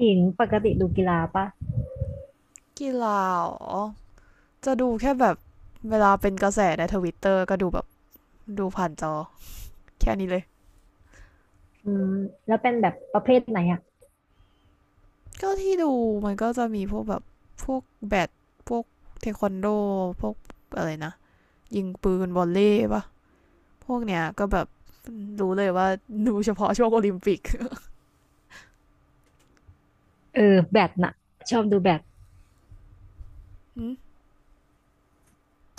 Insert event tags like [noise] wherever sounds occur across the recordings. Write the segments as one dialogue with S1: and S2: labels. S1: จริงปกติดูกีฬาปะ
S2: กีฬาอ๋อจะดูแค่แบบเวลาเป็นกระแสในทวิตเตอร์ก็ดูแบบดูผ่านจอแค่นี้เลย
S1: อืมแล้วเป็นแบบประเภทไหนอ่ะ
S2: ก็ที่ดูมันก็จะมีพวกแบบพวกแบดพวกเทควันโดพวกอะไรนะยิงปืนวอลเลย์ปะพวกเนี้ยก็แบบรู้เลยว่าดูเฉพาะช่วงโอลิมปิก
S1: เออแบดน่ะชอบดูแบด
S2: [laughs] อ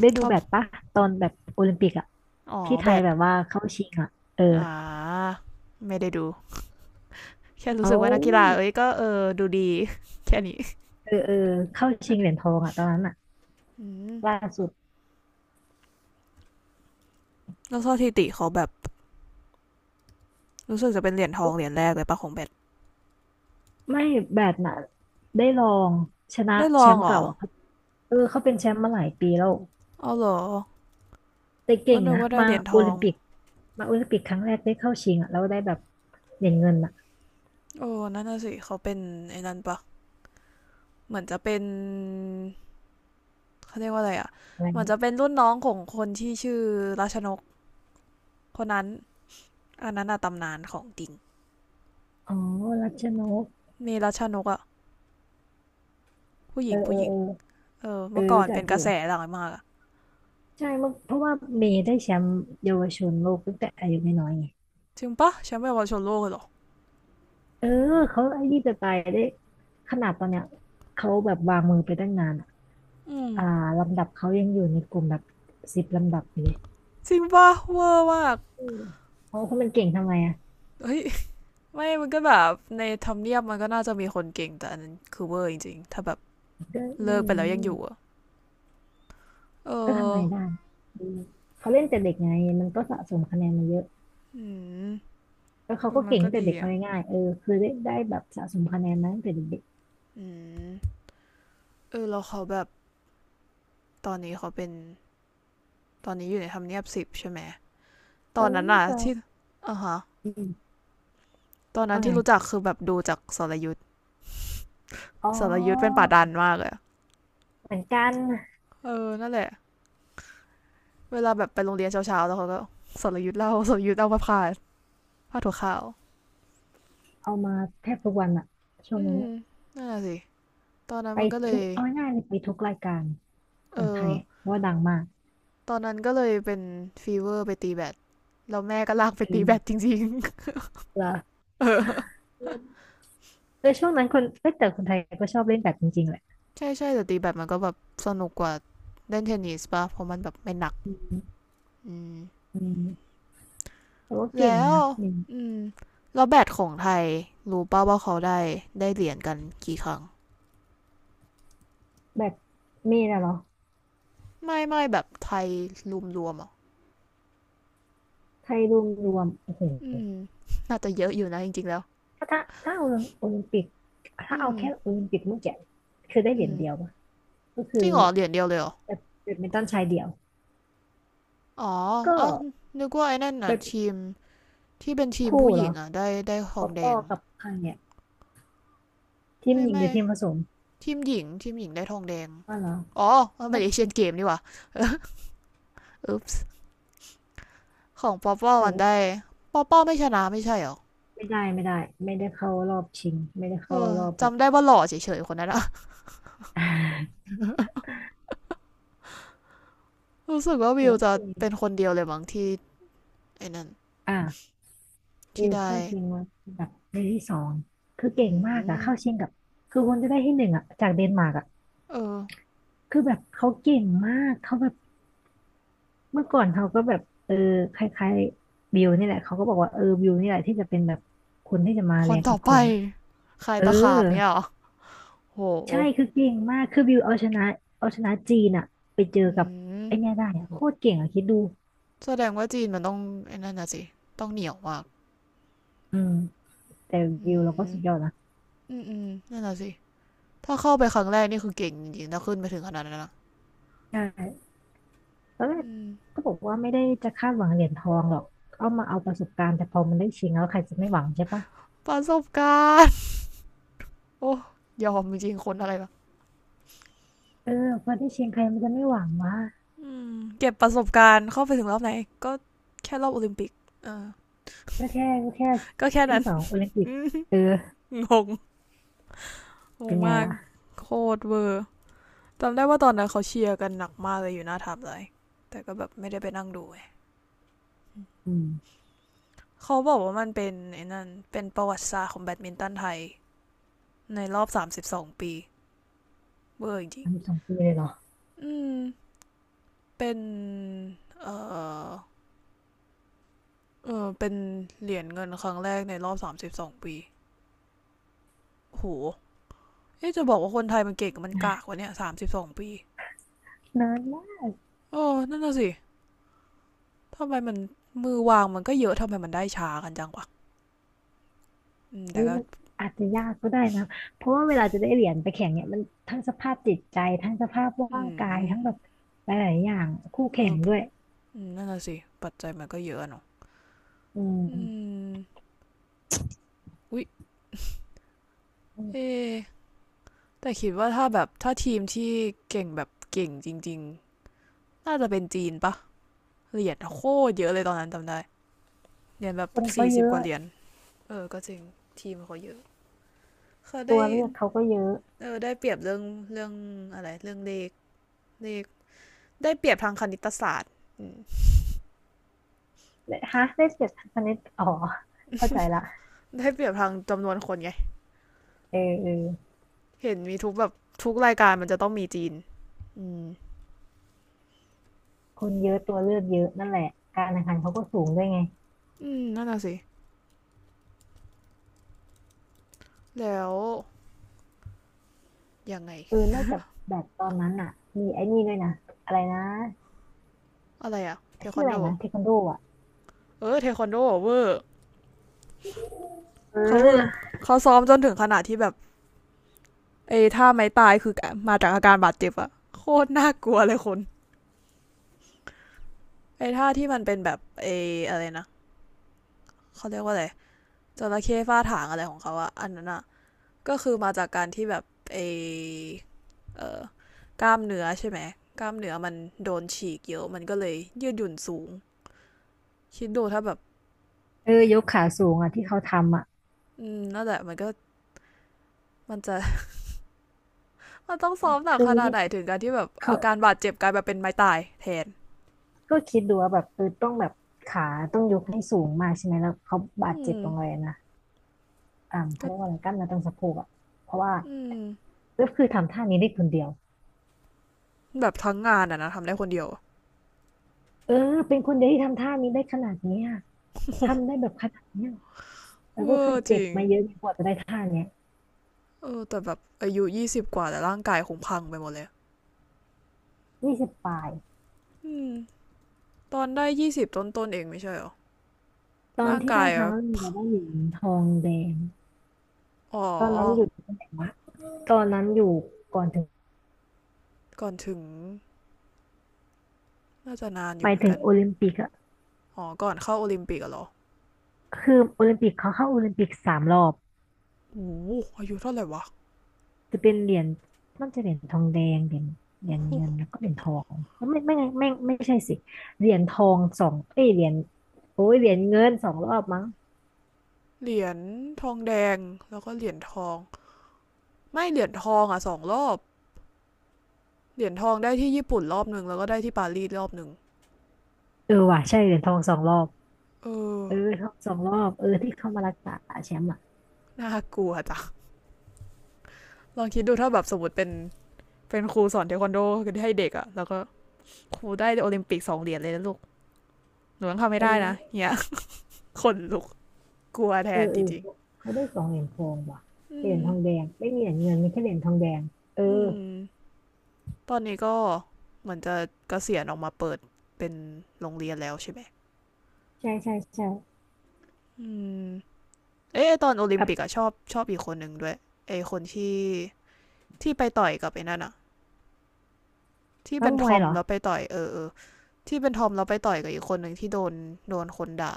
S1: ได้
S2: ช
S1: ดู
S2: อบ
S1: แบดปะตอนแบบโอลิมปิกอ่ะ
S2: อ๋อ
S1: ที่ไท
S2: แบ
S1: ย
S2: ด
S1: แบบว่าเข้าชิงอ่ะเออ
S2: อ่าไม่ได้ดูแค่รู้สึ
S1: เอา
S2: กว่านักกีฬาเอ้ยก็เออดูดี [laughs] แค่นี้
S1: เออเออเข้าชิงเหรียญทองอ่ะตอนนั้นอ่ะ
S2: อืม
S1: ล่าสุด
S2: แล้วสถิติเขาแบบรู้สึกจะเป็นเหรียญทองเหรียญแรกเลยปะของแบด
S1: ไม่แบดน่ะได้ลองชนะ
S2: ได้ล
S1: แช
S2: อง
S1: มป์
S2: เหรอ
S1: เก่าอ่ะครับเออเขาเป็นแชมป์มาหลายปีแล้ว
S2: เอาเหรอ
S1: แต่
S2: ก็
S1: เก่ง
S2: นึก
S1: นะ
S2: ว่าได้
S1: มา
S2: เหรียญท
S1: โอ
S2: อ
S1: ลิ
S2: ง
S1: มปิกมาโอลิมปิกครั้งแรกได้เข้าชิงอ่ะแล้วได้แบบเหรียญเงินอ่ะ
S2: โอ้นั่นน่ะสิเขาเป็นไอ้นั่นปะเหมือนจะเป็นเขาเรียกว่าอะไรอ่ะ
S1: อะไร
S2: เหมือน
S1: นะ
S2: จะเป็นรุ่นน้องของคนที่ชื่อราชนกคนนั้นอันนั้นอะตำนานของจริง
S1: อ๋อรัชนก
S2: มีราชนกอะผู้ห
S1: เอ
S2: ญิ
S1: อ
S2: ง
S1: เอ
S2: ผู้
S1: อ
S2: หญิง
S1: เออ
S2: เออ
S1: เออ
S2: เมื่อก่อ
S1: รู้
S2: น
S1: จัก
S2: เป็น
S1: อ
S2: กระ
S1: ยู่
S2: แสหลังมากอะ
S1: ใช่เมื่อเพราะว่าเมย์ได้แชมป์เยาวชนโลกตั้งแต่อายุน้อยๆไง
S2: จริงปะแชม่์เยาชนโลกเลยหรอ
S1: เออ
S2: โห
S1: เขาไอ้นี่จะตายได้ขนาดตอนเนี้ยเขาแบบวางมือไปตั้งนานอะ
S2: อืม
S1: อ่าลำดับเขายังอยู่ในกลุ่มแบบสิบลำดับอยู่เลย
S2: จริงปะเวอร์มาก
S1: อืมเพราะเขามันเก่งทำไมอ่ะ
S2: เฮ้ยไม่มันก็แบบในทำเนียบมันก็น่าจะมีคนเก่งแต่อันนั้นคือเวอร์จริงๆถ้าแบบ
S1: ก็
S2: เลิ
S1: เรื่อ
S2: ก
S1: ง
S2: ไปแล้ว
S1: นี้
S2: ยังอยู่อะ เอ
S1: ก็ทำ
S2: อ
S1: ไงได้อืมเขาเล่นแต่เด็กไงมันก็สะสมคะแนนมาเยอะ
S2: อืม
S1: แล้ว
S2: เอ
S1: เขา
S2: อ
S1: ก็
S2: มัน
S1: เก่ง
S2: ก็
S1: ตั้งแต่
S2: ดี
S1: เด็กเอา
S2: อ่ะ
S1: ง่ายๆเออคือได้แบบสะสมคะแนนมาตั้งแต่เด็ก
S2: อืมเออแล้วเขาแบบ ตอนนี้เขาเป็น ตอนนี้อยู่ในทำเนียบสิบใช่ไหม
S1: ๆ
S2: ต
S1: ต
S2: อ
S1: อ
S2: น
S1: นนี้
S2: นั้น
S1: น่า
S2: อะ
S1: จะ
S2: ที่อ่ะฮะ
S1: อืม
S2: ตอนนั้น
S1: ว่าไง
S2: ที่รู้จักคือแบบดูจากสรยุทธ
S1: อ๋อ
S2: สรยุทธเป็นป่าดันมากเลย
S1: เหมือนกัน
S2: เออนั่นแหละ เวลาแบบไปโรงเรียนเช้าๆแล้วเขาก็สรยุทธเล่าสรยุทธเอาผ้าพาผ้าถั่วขาว
S1: เอามาแทบทุกวันอะช่วง
S2: อื
S1: นั้น
S2: ม
S1: อะ
S2: นั่นแหละสิตอนนั้น
S1: ไป
S2: มันก็เล
S1: ทุ
S2: ย
S1: กเอาง่ายๆเลยไปทุกรายการข
S2: เอ
S1: องไท
S2: อ
S1: ยอะเพราะว่าดังมาก
S2: ตอนนั้นก็เลยเป็นฟีเวอร์ไปตีแบดแล้วแม่ก็ลากไป
S1: คื
S2: ตี
S1: อ
S2: แบดจริงๆ
S1: เหรอ
S2: [laughs] เออ
S1: แต่ช่วงนั้นคนเอ้ยแต่คนไทยก็ชอบเล่นแบดจริงๆแหละ
S2: ใช่ใช่แต่ตีแบดมันก็แบบสนุกกว่าเล่นเทนนิสป่ะเพราะมันแบบไม่หนัก
S1: อืม
S2: อืม
S1: อืมแต่ว่าเก่ง
S2: แล้ว
S1: นะอืม
S2: อืมแล้วแบดของไทยรู้ป่าว่าเขาได้ได้เหรียญกันกี่ครั้ง
S1: แบบมีนะเหรอ
S2: ไม่ไม่แบบไทยรวมๆอ่ะ
S1: ไทยรวมโอ้โห
S2: อืมน่าจะเยอะอยู่นะจริงๆแล้ว
S1: ถ้าเอาโอลิมปิกถ้า
S2: อื
S1: เอา
S2: ม
S1: แค่โอลิมปิกเมื่อกี้คือได้เห
S2: อื
S1: รีย
S2: ม
S1: ญเดียวปะก็
S2: จ
S1: คื
S2: ริ
S1: อ
S2: งเหรอเหรียญเดียวเลยเหรอ
S1: แบบแบดมินตันชายเดี่ยว
S2: อ๋อ
S1: ก็
S2: เอ้านึกว่าไอ้นั่นน่ะ
S1: แบบ
S2: ทีมที่เป็นทีม
S1: คู่
S2: ผู้ห
S1: เหร
S2: ญิ
S1: อ
S2: งอ่ะได้ท
S1: ป
S2: อ
S1: อ
S2: งแด
S1: ปอ
S2: ง
S1: กับใครเนี่ยทีม
S2: ไม่
S1: หญิงห
S2: ไม่
S1: รือทีมผสม
S2: ทีมหญิงทีมหญิงได้ทองแดง
S1: อ๋อเหรอ
S2: อ๋อมัน
S1: ก็
S2: เป็นเอเชียนเกมนี่หว่าเออ ของป๊อปป้อ
S1: แต่
S2: มัน
S1: ว่า
S2: ได้ป๊อปป้อไม่ชนะไม่ใช่หรอ
S1: ไม่ได้ไม่ได้เข้ารอบชิงไม่ได้
S2: เอ
S1: เข้า
S2: อ
S1: รอบแบบ
S2: จำได้ว่าหล่อเฉยๆคนนั้นอะ
S1: [laughs]
S2: [laughs] รู้สึกว่า
S1: โอ
S2: วิว
S1: เ
S2: จะเป็น
S1: ค
S2: คนเดียวเลยมั้งที่ไอ้นั่น
S1: อ่ะ
S2: ที่
S1: วิว
S2: ได้
S1: เข้าชิงมาแบบในที่สองคือ
S2: อื
S1: เก่งมากอะเข้า
S2: ม
S1: ชิงกับคือคนจะได้ที่หนึ่งอะจากเดนมาร์กอะ
S2: เออ
S1: คือแบบเขาเก่งมากเขาแบบเมื่อก่อนเขาก็แบบเออคล้ายๆวิวนี่แหละเขาก็บอกว่าเออวิวนี่แหละที่จะเป็นแบบคนที่จะมา
S2: ค
S1: แร
S2: น
S1: ง
S2: ต่อ
S1: อีก
S2: ไป
S1: คนนะ
S2: ใคร
S1: เออ
S2: ตะขาบเงี้ยหรอโห
S1: ใช่คือเก่งมากคือวิวเอาชนะเอาชนะจีนอะไปเจอ
S2: อื
S1: กับ
S2: ม
S1: ไอเนี่ยได้อะโคตรเก่งอะคิดดู
S2: แสดงว่าจีนมันต้องไอ้นั่นน่ะสิต้องเหนียวมาก
S1: อืม แต่
S2: อื
S1: วิวเราก็
S2: ม
S1: สุดยอดนะ
S2: อืมนั่นน่ะสิถ้าเข้าไปครั้งแรกนี่คือเก่งจริงๆถ้าขึ้นไปถึงขนาดนั้นนะ
S1: ใช่ตอนแรก
S2: อ
S1: ก็บอกว่าไม่ได้จะคาดหวังเหรียญทองหรอกเอามาเอาประสบการณ์แต่พอมันได้ชิงแล้วใครจะไม่หวังใช่ปะ
S2: ประสบการณ์โอ้ยอมจริงๆคนอะไร
S1: เออพอได้ชิงใครมันจะไม่หวังวะ
S2: อืมเก็บประสบการณ์เข้าไปถึงรอบไหนก็แค่รอบโอลิมปิกเออ
S1: ก็แค่
S2: [laughs] ก็แค่
S1: ที่
S2: นั้น
S1: สองโอลิมปิ
S2: [laughs]
S1: ก
S2: อื
S1: เออ
S2: งงง
S1: เป็
S2: ง
S1: นไง
S2: มาก
S1: ล่ะ
S2: โคตรเวอร์จำได้ว่าตอนนั้นเขาเชียร์กันหนักมากเลยอยู่หน้าทับเลยแต่ก็แบบไม่ได้ไปนั่งดู
S1: อืม
S2: เขาบอกว่ามันเป็นไอ้นั่นเป็นประวัติศาสตร์ของแบดมินตันไทยในรอบ32ปีเวอร์จริง
S1: ทำสบสองปีเลยเหรอ
S2: อืมเป็นเออเออเป็นเหรียญเงินครั้งแรกในรอบสามสิบสองปีโห เอ๊ะจะบอกว่าคนไทยมันเก่งมันกากกว่าเนี่ยสามสิบสองปี
S1: นานมาก
S2: โอ้นั่นน่ะสิทำไมมันมือวางมันก็เยอะทำไมมันได้ช้ากันจังวะอืม
S1: คุ
S2: แต่
S1: ย
S2: ก็
S1: มันอาจจะยากก็ได้นะเพราะว่าเวลาจะได้เหรียญไปแข่งเนี่ยมันทั้งสภาพจิตใจทั้งสภาพ
S2: อื
S1: ร่างกาย
S2: ม
S1: ทั้งแบบหลายๆอย่างคู่
S2: เอ
S1: แข่ง
S2: อ
S1: ด้วย
S2: อนั่นน่ะสิปัจจัยมันก็เยอะเนาะ
S1: อื
S2: อื
S1: ม
S2: มอุ๊ยเอะแต่คิดว่าถ้าแบบถ้าทีมที่เก่งแบบเก่งจริงๆน่าจะเป็นจีนปะเหรียญโคตรเยอะเลยตอนนั้นจำได้เหรียญแบบ
S1: คนเขา
S2: สี่
S1: เย
S2: สิบก
S1: อะ
S2: ว่าเหรียญเออก็จริงทีมเขาเยอะเขา
S1: ตั
S2: ได้
S1: วเลือกเขาก็เยอะ
S2: เออได้เปรียบเรื่องเรื่องอะไรเรื่องเลขเลข ได้เปรียบทางคณิตศาสตร์
S1: ฮาร์ดเ s สเ s สคณิตอ๋อเข้าใจละ
S2: ได้เปรียบทางจำนวนคนไง
S1: เออเออ
S2: เห็นมีทุกแบบทุกรายการมันจะต้องมีจีนอืม
S1: คนเยอะตัวเลือกเยอะนั่นแหละการแข่งขันเขาก็สูงด้วยไง
S2: อืมนั่นน่ะสิแล้วยังไง
S1: เออนอกจากแบดตอนนั้นอ่ะมีไอ้นี่ด้วยนะอะไรนะ
S2: อะไรอะเทค
S1: ชื่อ
S2: วัน
S1: อะไร
S2: โด
S1: นะเทควันโดอ่ะ
S2: เออเทควันโดเวอร์
S1: เ
S2: เขาเพิ่ง
S1: ออ
S2: เขาซ้อมจนถึงขนาดที่แบบไอ้ท่าไม้ตายคือมาจากอาการบาดเจ็บอะโคตรน่ากลัวเลยคนไอ้ท่าที่มันเป็นแบบไอ้อะไรนะเขาเรียกว่าอะไรจระเข้ฟาดถางอะไรของเขาอะอันนั้นอะก็คือมาจากการที่แบบไอ้ เอ่อกล้ามเนื้อใช่ไหมกล้ามเนื้อมันโดนฉีกเยอะ มันก็เลยยืดหยุ่นสูง คิดดูถ้าแบบ
S1: เออยกขาสูงอ่ะที่เขาทำอ่ะ
S2: อืมนั่นแหละมันก็มันจะ [laughs] มันต้องซ้อมหนั
S1: ค
S2: กขนาดไหน
S1: ือ
S2: ถึงการที่แบบ
S1: เขา
S2: อาการบาดเจ็บกลายมาเป็นไม้ตายแทน
S1: ก็คิดดูว่าแบบเออต้องแบบขาต้องยกให้สูงมากใช่ไหมแล้วเขาบาด
S2: อื
S1: เจ็บ
S2: ม
S1: ตรงเลยนะอ่าเขา
S2: ก็
S1: เรียกว่าอะไรกล้ามเนื้อตรงสะโพกอ่ะเพราะว่า
S2: อืม
S1: ก็คือทำท่านี้ได้คนเดียว
S2: แบบทั้งงานอะนะทำได้คนเดียว [laughs]
S1: เออเป็นคนเดียวที่ทำท่านี้ได้ขนาดนี้อะ
S2: โอ้โห
S1: ทำได้แบบขนาดเนี้ยแล้ว
S2: เว
S1: ก็
S2: อ
S1: คือ
S2: ร์จ
S1: เจ็บ
S2: ริง
S1: มาเยอะกว่าจะได้ท่าเนี้ย
S2: เออแต่แบบอายุยี่สิบกว่าแต่ร่างกายคงพังไปหมดเลย
S1: ยี่สิบปลาย
S2: อืมตอนได้ยี่สิบต้นๆเองไม่ใช่เหรอ
S1: ตอน
S2: ร่าง
S1: ที่
S2: กา
S1: ได้
S2: ย
S1: ครั้งแรกเราได้เหรียญทองแดง
S2: อ๋อ
S1: ตอนนั้นอยู่ตำแหน่งวะตอนนั้นอยู่ก่อนถึง
S2: ก่อนถึงน่าจะนานอ
S1: ไป
S2: ยู่เหมือน
S1: ถึง
S2: กัน
S1: โอลิมปิกอะ
S2: อ๋อก่อนเข้าโอลิมปิกอะเหรอ
S1: คือโอลิมปิกเขาเข้าโอลิมปิกสามรอบ
S2: โอ้โหอายุเท่าไหร่วะ
S1: จะเป็นเหรียญน่าจะเหรียญทองแดงเหรียญเหรียญเงินแล้วก็เหรียญทองแล้วไม่ไงไม่ใช่สิเหรียญทองสองเอ้ยเหรียญโอ้ยเหรียญเงินสองรอบมั้ง
S2: เหรียญทองแดง แล้วก็เหรียญทอง ไม่เหรียญทองอ่ะสองรอบเหรียญทองได้ที่ญี่ปุ่นรอบหนึ่งแล้วก็ได้ที่ปารีสรอบหนึ่ง
S1: เออว่ะใช่เหรียญทองสองรอบ
S2: เออ
S1: เออทองสองรอบเออที่เข้ามารักษาแชมป์อะ
S2: น่ากลัวจ้ะลองคิดดูถ้าแบบสมมติเป็นครูสอนเทควันโดให้เด็กอะแล้วก็ครูได้โอลิมปิกสองเหรียญเลยนะลูกหนูยังทำ
S1: เ
S2: ไม่ได้นะ
S1: ออ
S2: เนี่ย [laughs] คนลุกกลัวแท
S1: เออ
S2: น
S1: เอ
S2: จ
S1: อ
S2: ริง
S1: เขาเขาได้สองเหรียญทองว่ะ
S2: ๆอื
S1: เหรียญ
S2: ม
S1: ทองแดงไม่มีเหรียญเงินมีแค่เหรียญทองแดงเออ
S2: อืมตอนนี้ก็เหมือนจะเกษียณออกมาเปิดเป็นโรงเรียนแล้วใช่ไหม
S1: ใช่ ใช่
S2: อืม เอ๊ะตอนโอลิม
S1: แบบ
S2: ปิกอะชอบอีกคนหนึ่งด้วยไอคนที่ที่ไปต่อยกับไอ้นั่นอะที่
S1: นั
S2: เป็
S1: ก
S2: น
S1: ม
S2: ท
S1: วย
S2: อม
S1: เหรอ
S2: แล้วไปต่อยเออที่เป็นทอมแล้วไปต่อยกับอีกคนหนึ่งที่โดนคนด่า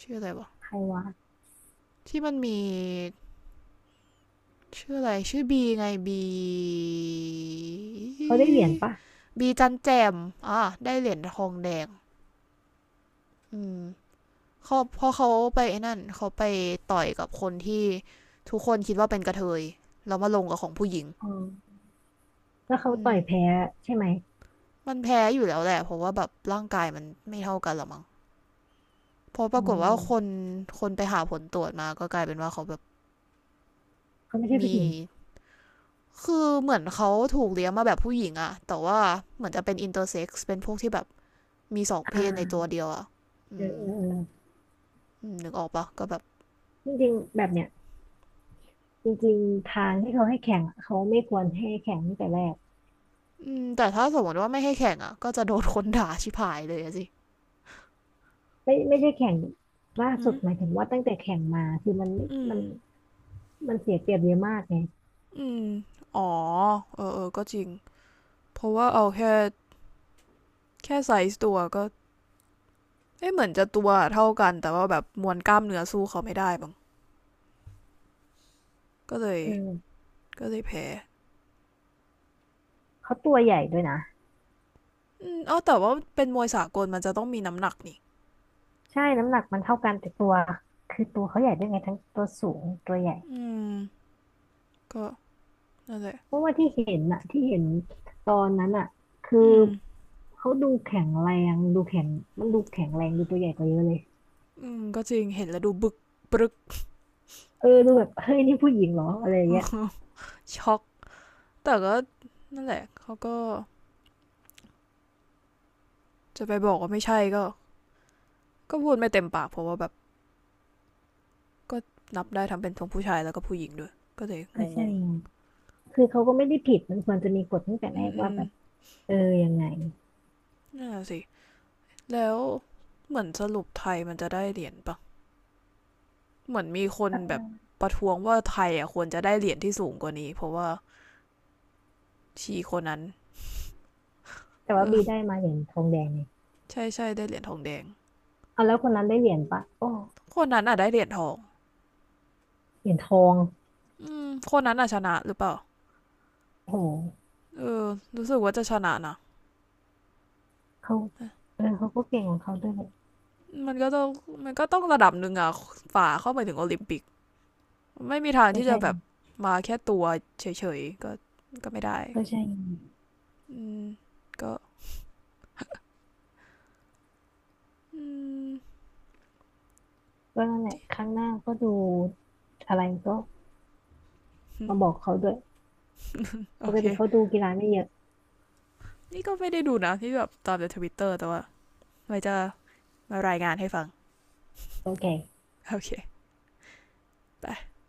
S2: ชื่ออะไรวะ
S1: ใครวะ
S2: ที่มันมีชื่ออะไรชื่อบีไง
S1: เขาได้เหรียญปะ
S2: บีจันแจมอ่ะได้เหรียญทองแดงอืมเขาพอเขาไปไอ้นั่นเขาไปต่อยกับคนที่ทุกคนคิดว่าเป็นกระเทยแล้วมาลงกับของผู้หญิง
S1: อ๋อแล้วเขา
S2: อื
S1: ต่อ
S2: ม
S1: ยแพ้ใช่ไหม
S2: มันแพ้อยู่แล้วแหละเพราะว่าแบบร่างกายมันไม่เท่ากันหรอมั้งเพราะป
S1: อ๋
S2: รากฏว่าคน
S1: อ
S2: ไปหาผลตรวจมาก็กลายเป็นว่าเขาแบบ
S1: เขาไม่ใช่ผู้
S2: มี
S1: หญิง
S2: คือเหมือนเขาถูกเลี้ยงมาแบบผู้หญิงอะแต่ว่าเหมือนจะเป็นอินเตอร์เซ็กซ์เป็นพวกที่แบบมีสอง
S1: อ
S2: เพศในตัว
S1: ่า
S2: เดียวอะอื
S1: เออ
S2: ม
S1: เออเออ
S2: นึกออกปะก็แบบ
S1: จริงๆแบบเนี้ยจริงๆทางที่เขาให้แข่งอะเขาไม่ควรให้แข่งตั้งแต่แรก
S2: อืมแต่ถ้าสมมติว่าไม่ให้แข่งอะก็จะโดนคนด่าชิบหายเลยสิ
S1: ไม่ใช่แข่งล่า
S2: อื
S1: สุด
S2: ม
S1: หมายถึงว่าตั้งแต่แข่งมาคือมันไม่
S2: อืม
S1: มันมันเสียเปรียบเยอะมากไง
S2: อืมเพราะวก็เอ้ะแบบมวย้างก็เลย
S1: เออ
S2: แพ้
S1: เขาตัวใหญ่ด้วยนะ
S2: อืมอ๋อแต่ว่าเป็นมวยสากลมันจะต้องมีน้ำหนักนี่
S1: ใช่น้ำหนักมันเท่ากันแต่ตัวคือตัวเขาใหญ่ด้วยไงทั้งตัวสูงตัวใหญ่
S2: อืมก็ นั่นแหละ
S1: เพราะว่าที่เห็นอะที่เห็นตอนนั้นอะคือ
S2: อืม
S1: เขาดูแข็งแรงดูแข็งมันดูแข็งแรงดูตัวใหญ่กว่าเยอะเลย
S2: ก็จริงเห็นแล้วดูบึกปรึก
S1: เออดูแบบเฮ้ยนี่ผู้หญิงเหรออะไรอย่างเงี้ย
S2: [laughs] ช็อก แต่ก็ นั่นแหละ เขาก็จะไปบอกว่าไม่ใช่ก็ ก็พูดไม่เต็มปากเพราะว่าแบบก็นับได้ทั้งเป็นทั้งผู้ชายแล้วก็ผู้หญิงด้วย ก็เลยง
S1: ก็
S2: ง
S1: ใช่
S2: ง
S1: ไงคือเขาก็ไม่ได้ผิดมันควรจะมีกฎตั้งแต่แร
S2: อืม
S1: กว่าแบบเออยังไง
S2: นั่นแหละสิ แล้ว เหมือนสรุปไทยมันจะได้เหรียญปะ เหมือนมีคนแบบประท้วงว่าไทยอ่ะควรจะได้เหรียญที่สูงกว่านี้เพราะว่าชีคนนั้น
S1: แต่ว่า
S2: เออ
S1: บีได้มาเหรียญทองแดงไง
S2: ใช่ได้เหรียญทองแดง
S1: เอาแล้วคนนั้นได้เหรียญปะโอ้
S2: คนนั้นอ่ะได้เหรียญทอง
S1: เหรียญทอง
S2: อืมคนนั้นอ่ะชนะหรือเปล่า
S1: โอ้โห
S2: เออรู้สึกว่าจะชนะนะ
S1: เขาเออเขาก็เก่งของเขาด้วย
S2: มันก็ต้องระดับหนึ่งอะฝ่าเข้าไปถึงโอลิมปิกไม่มีทาง
S1: ก็
S2: ที่จะ
S1: ใช่
S2: แบบแค่ตัวเฉยๆก็ไม่ได้
S1: ก็ใช่
S2: อืมก็อืม
S1: ก็นั่นแหละครั้งหน้าก็ดูอะไรก็มาบอกเขาด้วยปกติเขาดูกีฬาไม่เยอะ
S2: นี่ก็ไม่ได้ดูนะที่แบบตามในทวิตเตอร์แต่ว่าไว้จะมารายงานให้ฟัง
S1: เขาแก่
S2: โอเคไป